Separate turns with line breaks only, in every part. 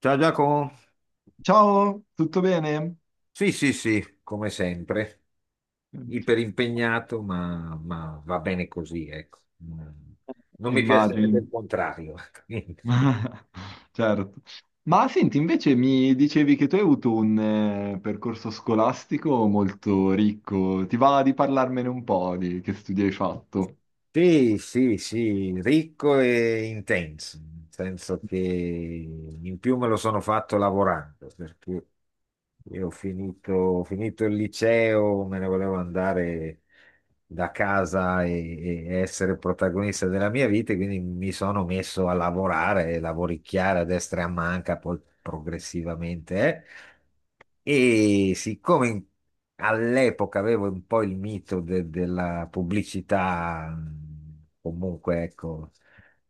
Ciao Giacomo,
Ciao, tutto bene?
sì sì sì, come sempre, iperimpegnato ma va bene così, ecco. Mm. Non mi piacerebbe il
Immagini.
contrario.
Certo. Ma senti, invece mi dicevi che tu hai avuto un percorso scolastico molto ricco. Ti va di parlarmene un po' di che studi hai fatto?
Sì, sì, sì, ricco e intenso, nel senso che in più me lo sono fatto lavorando, perché io ho finito il liceo, me ne volevo andare da casa e essere protagonista della mia vita, e quindi mi sono messo a lavorare, lavoricchiare a destra e a manca, poi progressivamente. E siccome all'epoca avevo un po' il mito della pubblicità, comunque ecco,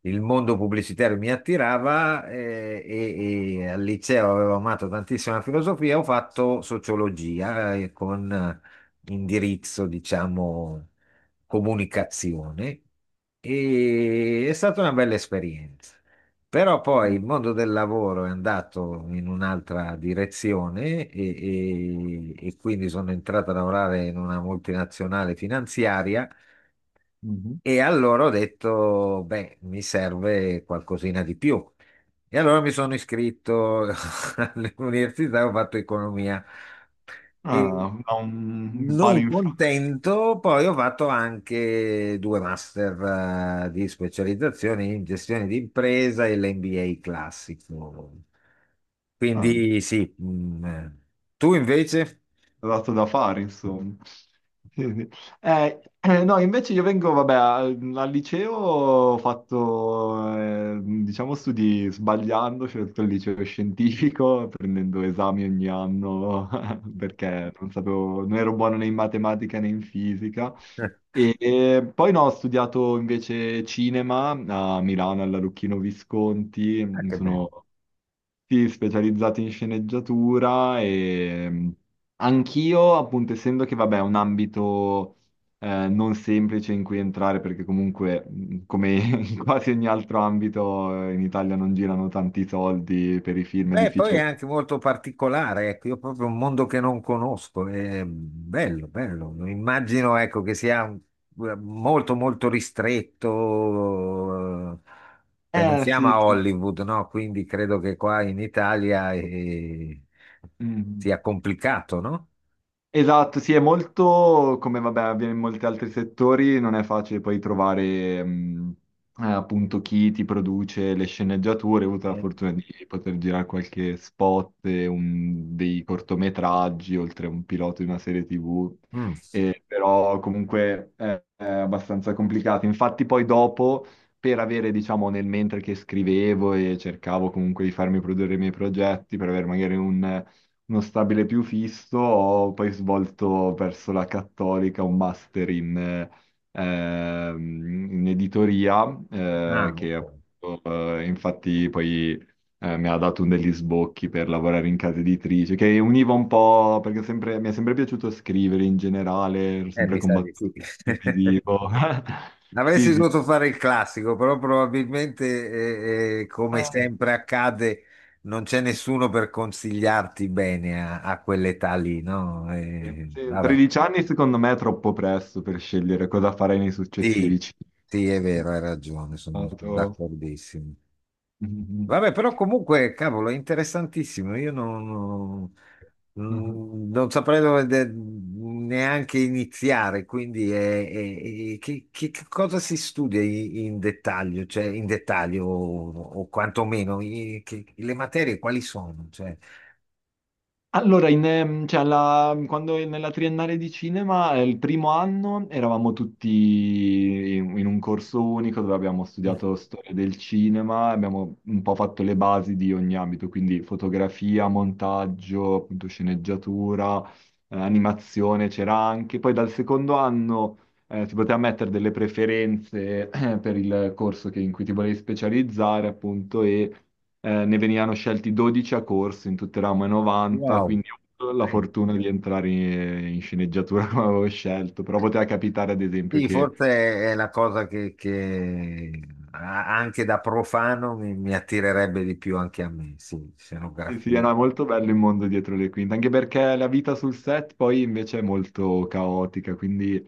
il mondo pubblicitario mi attirava e al liceo avevo amato tantissimo la filosofia, ho fatto sociologia con indirizzo, diciamo, comunicazione e è stata una bella esperienza. Però poi il mondo del lavoro è andato in un'altra direzione e quindi sono entrato a lavorare in una multinazionale finanziaria
Mhm.
e allora ho detto, beh, mi serve qualcosina di più. E allora mi sono iscritto all'università, ho fatto economia. E
Ah, da un palo
non
in fra.
contento, poi ho fatto anche due master, di specializzazione in gestione di impresa e l'MBA classico.
Ah.
Quindi sì. Tu invece?
Dato da fare, insomma. Quindi, no, invece io vengo, vabbè, al liceo ho fatto, diciamo, studi sbagliando, ho scelto il liceo scientifico, prendendo esami ogni anno, perché non sapevo, non ero buono né in matematica né in fisica. E poi no, ho studiato invece cinema a Milano, alla Lucchino Visconti,
Ah,
mi
che bello.
sono sì, specializzati in sceneggiatura e anch'io, appunto, essendo che vabbè, è un ambito non semplice in cui entrare, perché comunque, come in quasi ogni altro ambito, in Italia non girano tanti soldi per i film, è
Beh, poi è
difficile.
anche molto particolare, ecco, io proprio un mondo che non conosco, è bello, bello. Immagino, ecco, che sia molto, molto ristretto, cioè non siamo
Sì,
a
sì. Sì.
Hollywood, no? Quindi credo che qua in Italia
Mm.
sia complicato, no?
Esatto, sì, è molto, come vabbè, avviene in molti altri settori, non è facile poi trovare appunto chi ti produce le sceneggiature. Ho avuto la
Eh,
fortuna di poter girare qualche spot, e dei cortometraggi, oltre a un pilota di una serie TV,
mm.
e, però comunque è abbastanza complicato. Infatti poi dopo, per avere, diciamo, nel mentre che scrivevo e cercavo comunque di farmi produrre i miei progetti, per avere magari un uno stabile più fisso, ho poi svolto verso la Cattolica un master in, ehm, in editoria,
Ah,
che
ok.
appunto, infatti poi mi ha dato un degli sbocchi per lavorare in casa editrice, che univa un po', perché mi è sempre piaciuto scrivere in generale, ero sempre
Mi sa di
combattuto
sì.
televisivo. Sì,
Avresti
sì.
dovuto fare il classico, però probabilmente, come
Ah,
sempre accade, non c'è nessuno per consigliarti bene a quell'età lì, no?
sì. Sì,
Vabbè,
13 anni secondo me è troppo presto per scegliere cosa fare nei
sì,
successivi cinque.
sì, è vero, hai ragione, sono
Stato.
d'accordissimo.
Mhm.
Vabbè, però comunque, cavolo, è interessantissimo. Io non, non-
Mhm.
non- non saprei dove neanche iniziare, quindi che cosa si studia in dettaglio, cioè in dettaglio o quantomeno le materie quali sono? Cioè.
Allora, in, cioè, quando nella triennale di cinema, il primo anno eravamo tutti in un corso unico dove abbiamo
Mm.
studiato storia del cinema, abbiamo un po' fatto le basi di ogni ambito, quindi fotografia, montaggio, appunto sceneggiatura, animazione c'era anche. Poi dal secondo anno si poteva mettere delle preferenze per il in cui ti volevi specializzare, appunto, e ne venivano scelti 12 a corso in tutte le ramo e 90,
Wow,
quindi ho avuto la
eh,
fortuna di entrare in, in sceneggiatura come avevo scelto, però poteva capitare ad esempio
sì,
che
forse è la cosa che anche da profano mi attirerebbe di più anche a me, sì,
sì, era
scenografia.
molto bello il mondo dietro le quinte, anche perché la vita sul set poi invece è molto caotica, quindi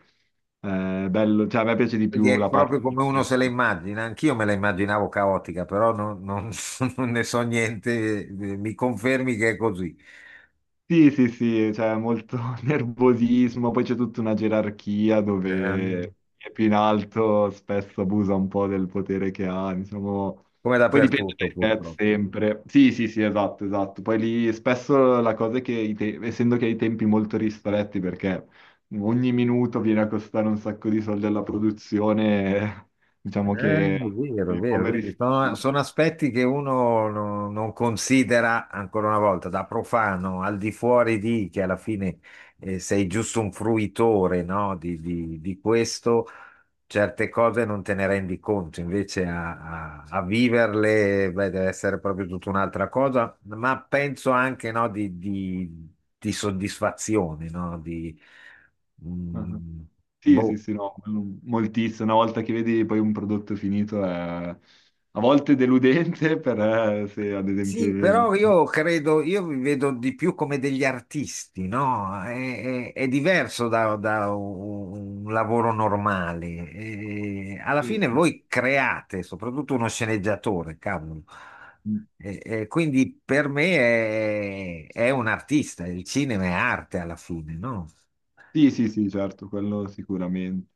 bello, cioè a me piace di
Quindi
più
è
la parte
proprio
di...
come uno se la immagina, anch'io me la immaginavo caotica, però non ne so niente, mi confermi che è così.
Sì, sì, sì, c'è molto nervosismo, poi c'è tutta una gerarchia
Ehm,
dove chi è più in alto spesso abusa un po' del potere che ha, insomma,
Come
poi dipende
dappertutto
dai set
purtroppo.
sempre. Sì, sì, sì, esatto, esatto. Poi lì spesso la cosa è che, essendo che hai tempi molto ristretti, perché ogni minuto viene a costare un sacco di soldi alla produzione, diciamo
È
che
vero, è
i
vero,
poveri...
vedi, sono,
statisti.
sono aspetti che uno non considera ancora una volta, da profano, al di fuori di che alla fine sei
Ah,
giusto un fruitore, no, di questo. Certe cose non te ne rendi conto, invece a viverle, beh, deve essere proprio tutta un'altra cosa, ma penso anche, no, di soddisfazione, nomm,
sì, sì,
boh.
sì, no, quello moltissimo. Una volta che vedi poi un prodotto finito è a volte deludente, per se ad esempio...
Sì,
il-
però io credo, io vi vedo di più come degli artisti, no? È diverso da un lavoro normale. E alla
Sì,
fine
sì, sì.
voi create, soprattutto uno sceneggiatore, cavolo.
Mm.
E quindi per me è un artista, il cinema è arte alla fine, no?
Sì, sì, sì, certo, quello sicuramente.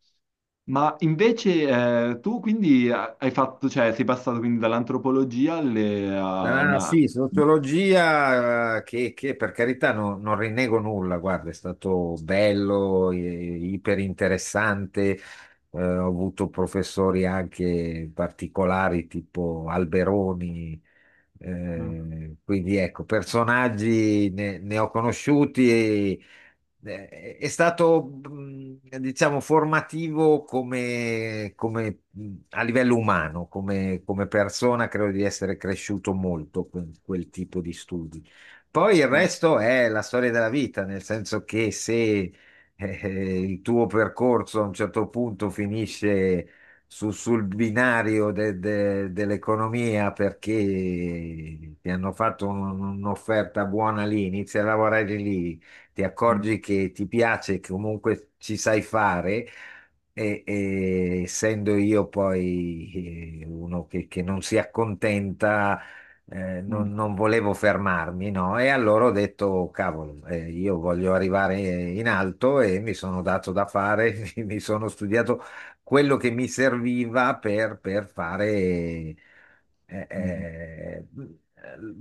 Ma invece tu quindi hai fatto, cioè sei passato quindi dall'antropologia alle, a
Ah,
una...
sì, sociologia per carità non rinnego nulla, guarda, è stato bello, iper interessante, ho avuto professori anche particolari tipo Alberoni,
Ah,
quindi ecco, personaggi ne ho conosciuti. È stato, diciamo, formativo come a livello umano, come persona, credo di essere cresciuto molto con quel tipo di studi. Poi il
certo.
resto è la storia della vita, nel senso che se eh, il tuo percorso a un certo punto finisce sul binario dell'economia perché ti hanno fatto un'offerta buona lì, inizi a lavorare lì, ti
Mm,
accorgi che ti piace, che comunque ci sai fare. E essendo io poi uno che non si accontenta,
mm,
non volevo fermarmi, no? E allora ho detto, cavolo, io voglio arrivare in alto e mi sono dato da fare, mi sono studiato quello che mi serviva per fare. eh,
mm.
eh,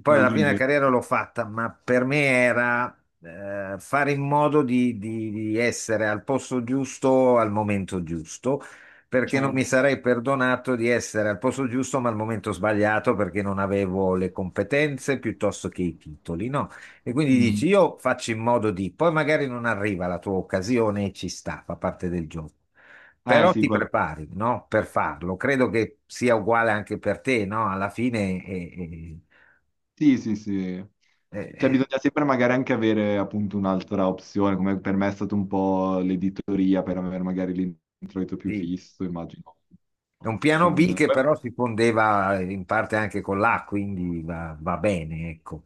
Poi alla fine la
Raggiungere,
carriera l'ho fatta, ma per me era fare in modo di essere al posto giusto al momento giusto, perché non mi
certo.
sarei perdonato di essere al posto giusto ma al momento sbagliato perché non avevo le competenze piuttosto che i titoli, no? E quindi
Mhm.
dici, io faccio in modo di, poi magari non arriva la tua occasione e ci sta, fa parte del gioco.
Eh
Però
sì,
ti
quello-
prepari, no? Per farlo. Credo che sia uguale anche per te, no? Alla fine,
Sì, sì, sì.
eh,
Cioè
eh,
bisogna sempre magari anche avere appunto un'altra opzione, come per me è stato un po' l'editoria per avere magari l'introito più
sì.
fisso, immagino.
È un
Cioè,
piano B
non-
che però si fondeva in parte anche con l'A, quindi va bene, ecco.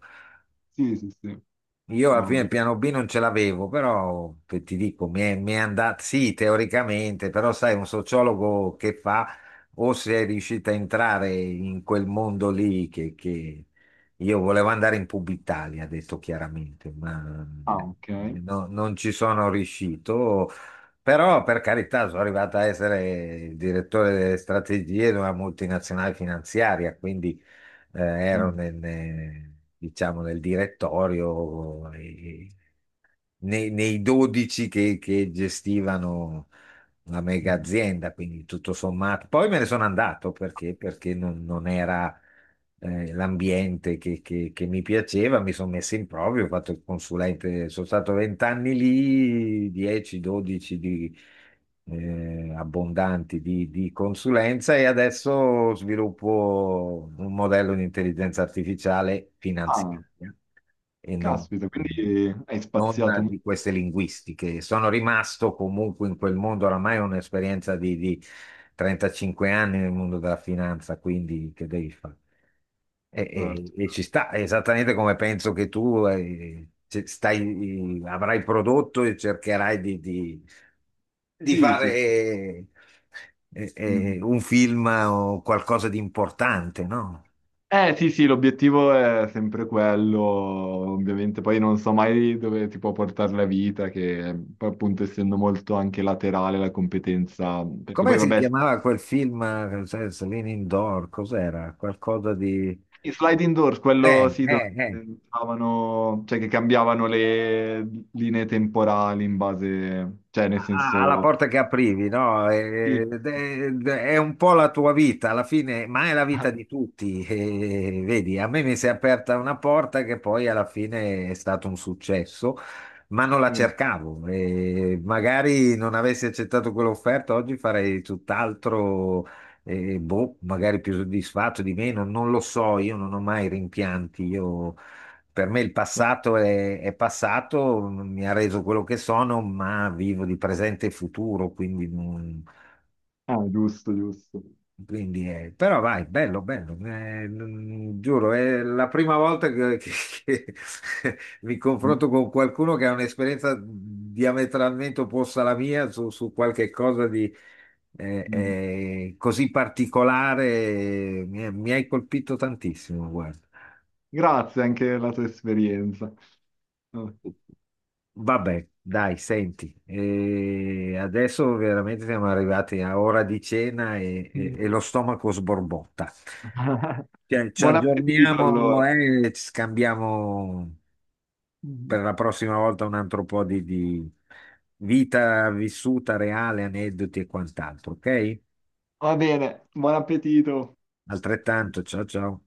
Sì, sì, sì.
Io alla
No,
fine il piano B non ce l'avevo, però ti dico, mi è andata, sì, teoricamente, però sai, un sociologo che fa o se è riuscito a entrare in quel mondo lì io volevo andare in Publitalia, detto chiaramente, ma
ah, ok.
non ci sono riuscito, però per carità sono arrivato a essere il direttore delle strategie di una multinazionale finanziaria, quindi ero
Mm.
diciamo, nel direttorio e, nei 12 che gestivano una mega
Mm.
azienda, quindi tutto sommato. Poi me ne sono andato perché non era l'ambiente che mi piaceva, mi sono messo in proprio, ho fatto il consulente, sono stato 20 anni lì, 10, 12 di... abbondanti di consulenza e adesso sviluppo un modello di intelligenza artificiale finanziaria
Ah.
e non,
Caspita, quindi hai
non
spaziato
di
molto.
queste linguistiche. Sono rimasto comunque in quel mondo, oramai è un'esperienza di 35 anni nel mondo della finanza, quindi che devi fare? E, e-
Certo.
e ci sta, è esattamente come penso che tu stai, avrai prodotto e cercherai di
Sì, sì, sì.
fare
Mm.
un film o qualcosa di importante, no?
Eh sì, sì, l'obiettivo è sempre quello, ovviamente poi non so mai dove ti può portare la vita, che poi, appunto essendo molto anche laterale la competenza, perché
Come
poi
si
vabbè,
chiamava quel film, Celine Indoor? Cos'era? Qualcosa di...
i slide indoors,
Eh,
quello sì, dove
eh, eh,
stavano, cioè che cambiavano le linee temporali in base, cioè nel
Alla
senso...
porta che aprivi, no?
Sì.
È un po' la tua vita, alla fine, ma è la vita
Ah,
di tutti. E, vedi, a me mi si è aperta una porta che poi alla fine è stato un successo. Ma non la
sì.
cercavo e magari non avessi accettato quell'offerta oggi farei tutt'altro, boh, magari più soddisfatto di meno, non lo so, io non ho mai rimpianti, per me il passato è passato, mi ha reso quello che sono, ma vivo di presente e futuro, quindi
Ah, giusto, giusto.
quindi, però vai, bello, bello, giuro, è la prima volta che mi confronto con qualcuno che ha un'esperienza diametralmente opposta alla mia su qualche cosa di
Mm.
così particolare, mi hai colpito tantissimo, guarda.
Grazie anche della tua esperienza. Vabbè.
Vabbè, dai, senti, adesso veramente siamo arrivati a ora di cena e e lo stomaco sborbotta.
Mm.
Cioè, ci
Buon appetito
aggiorniamo
allora.
e ci scambiamo per la prossima volta un altro po' di vita vissuta reale, aneddoti e quant'altro, ok?
Va bene, buon appetito.
Altrettanto, ciao ciao.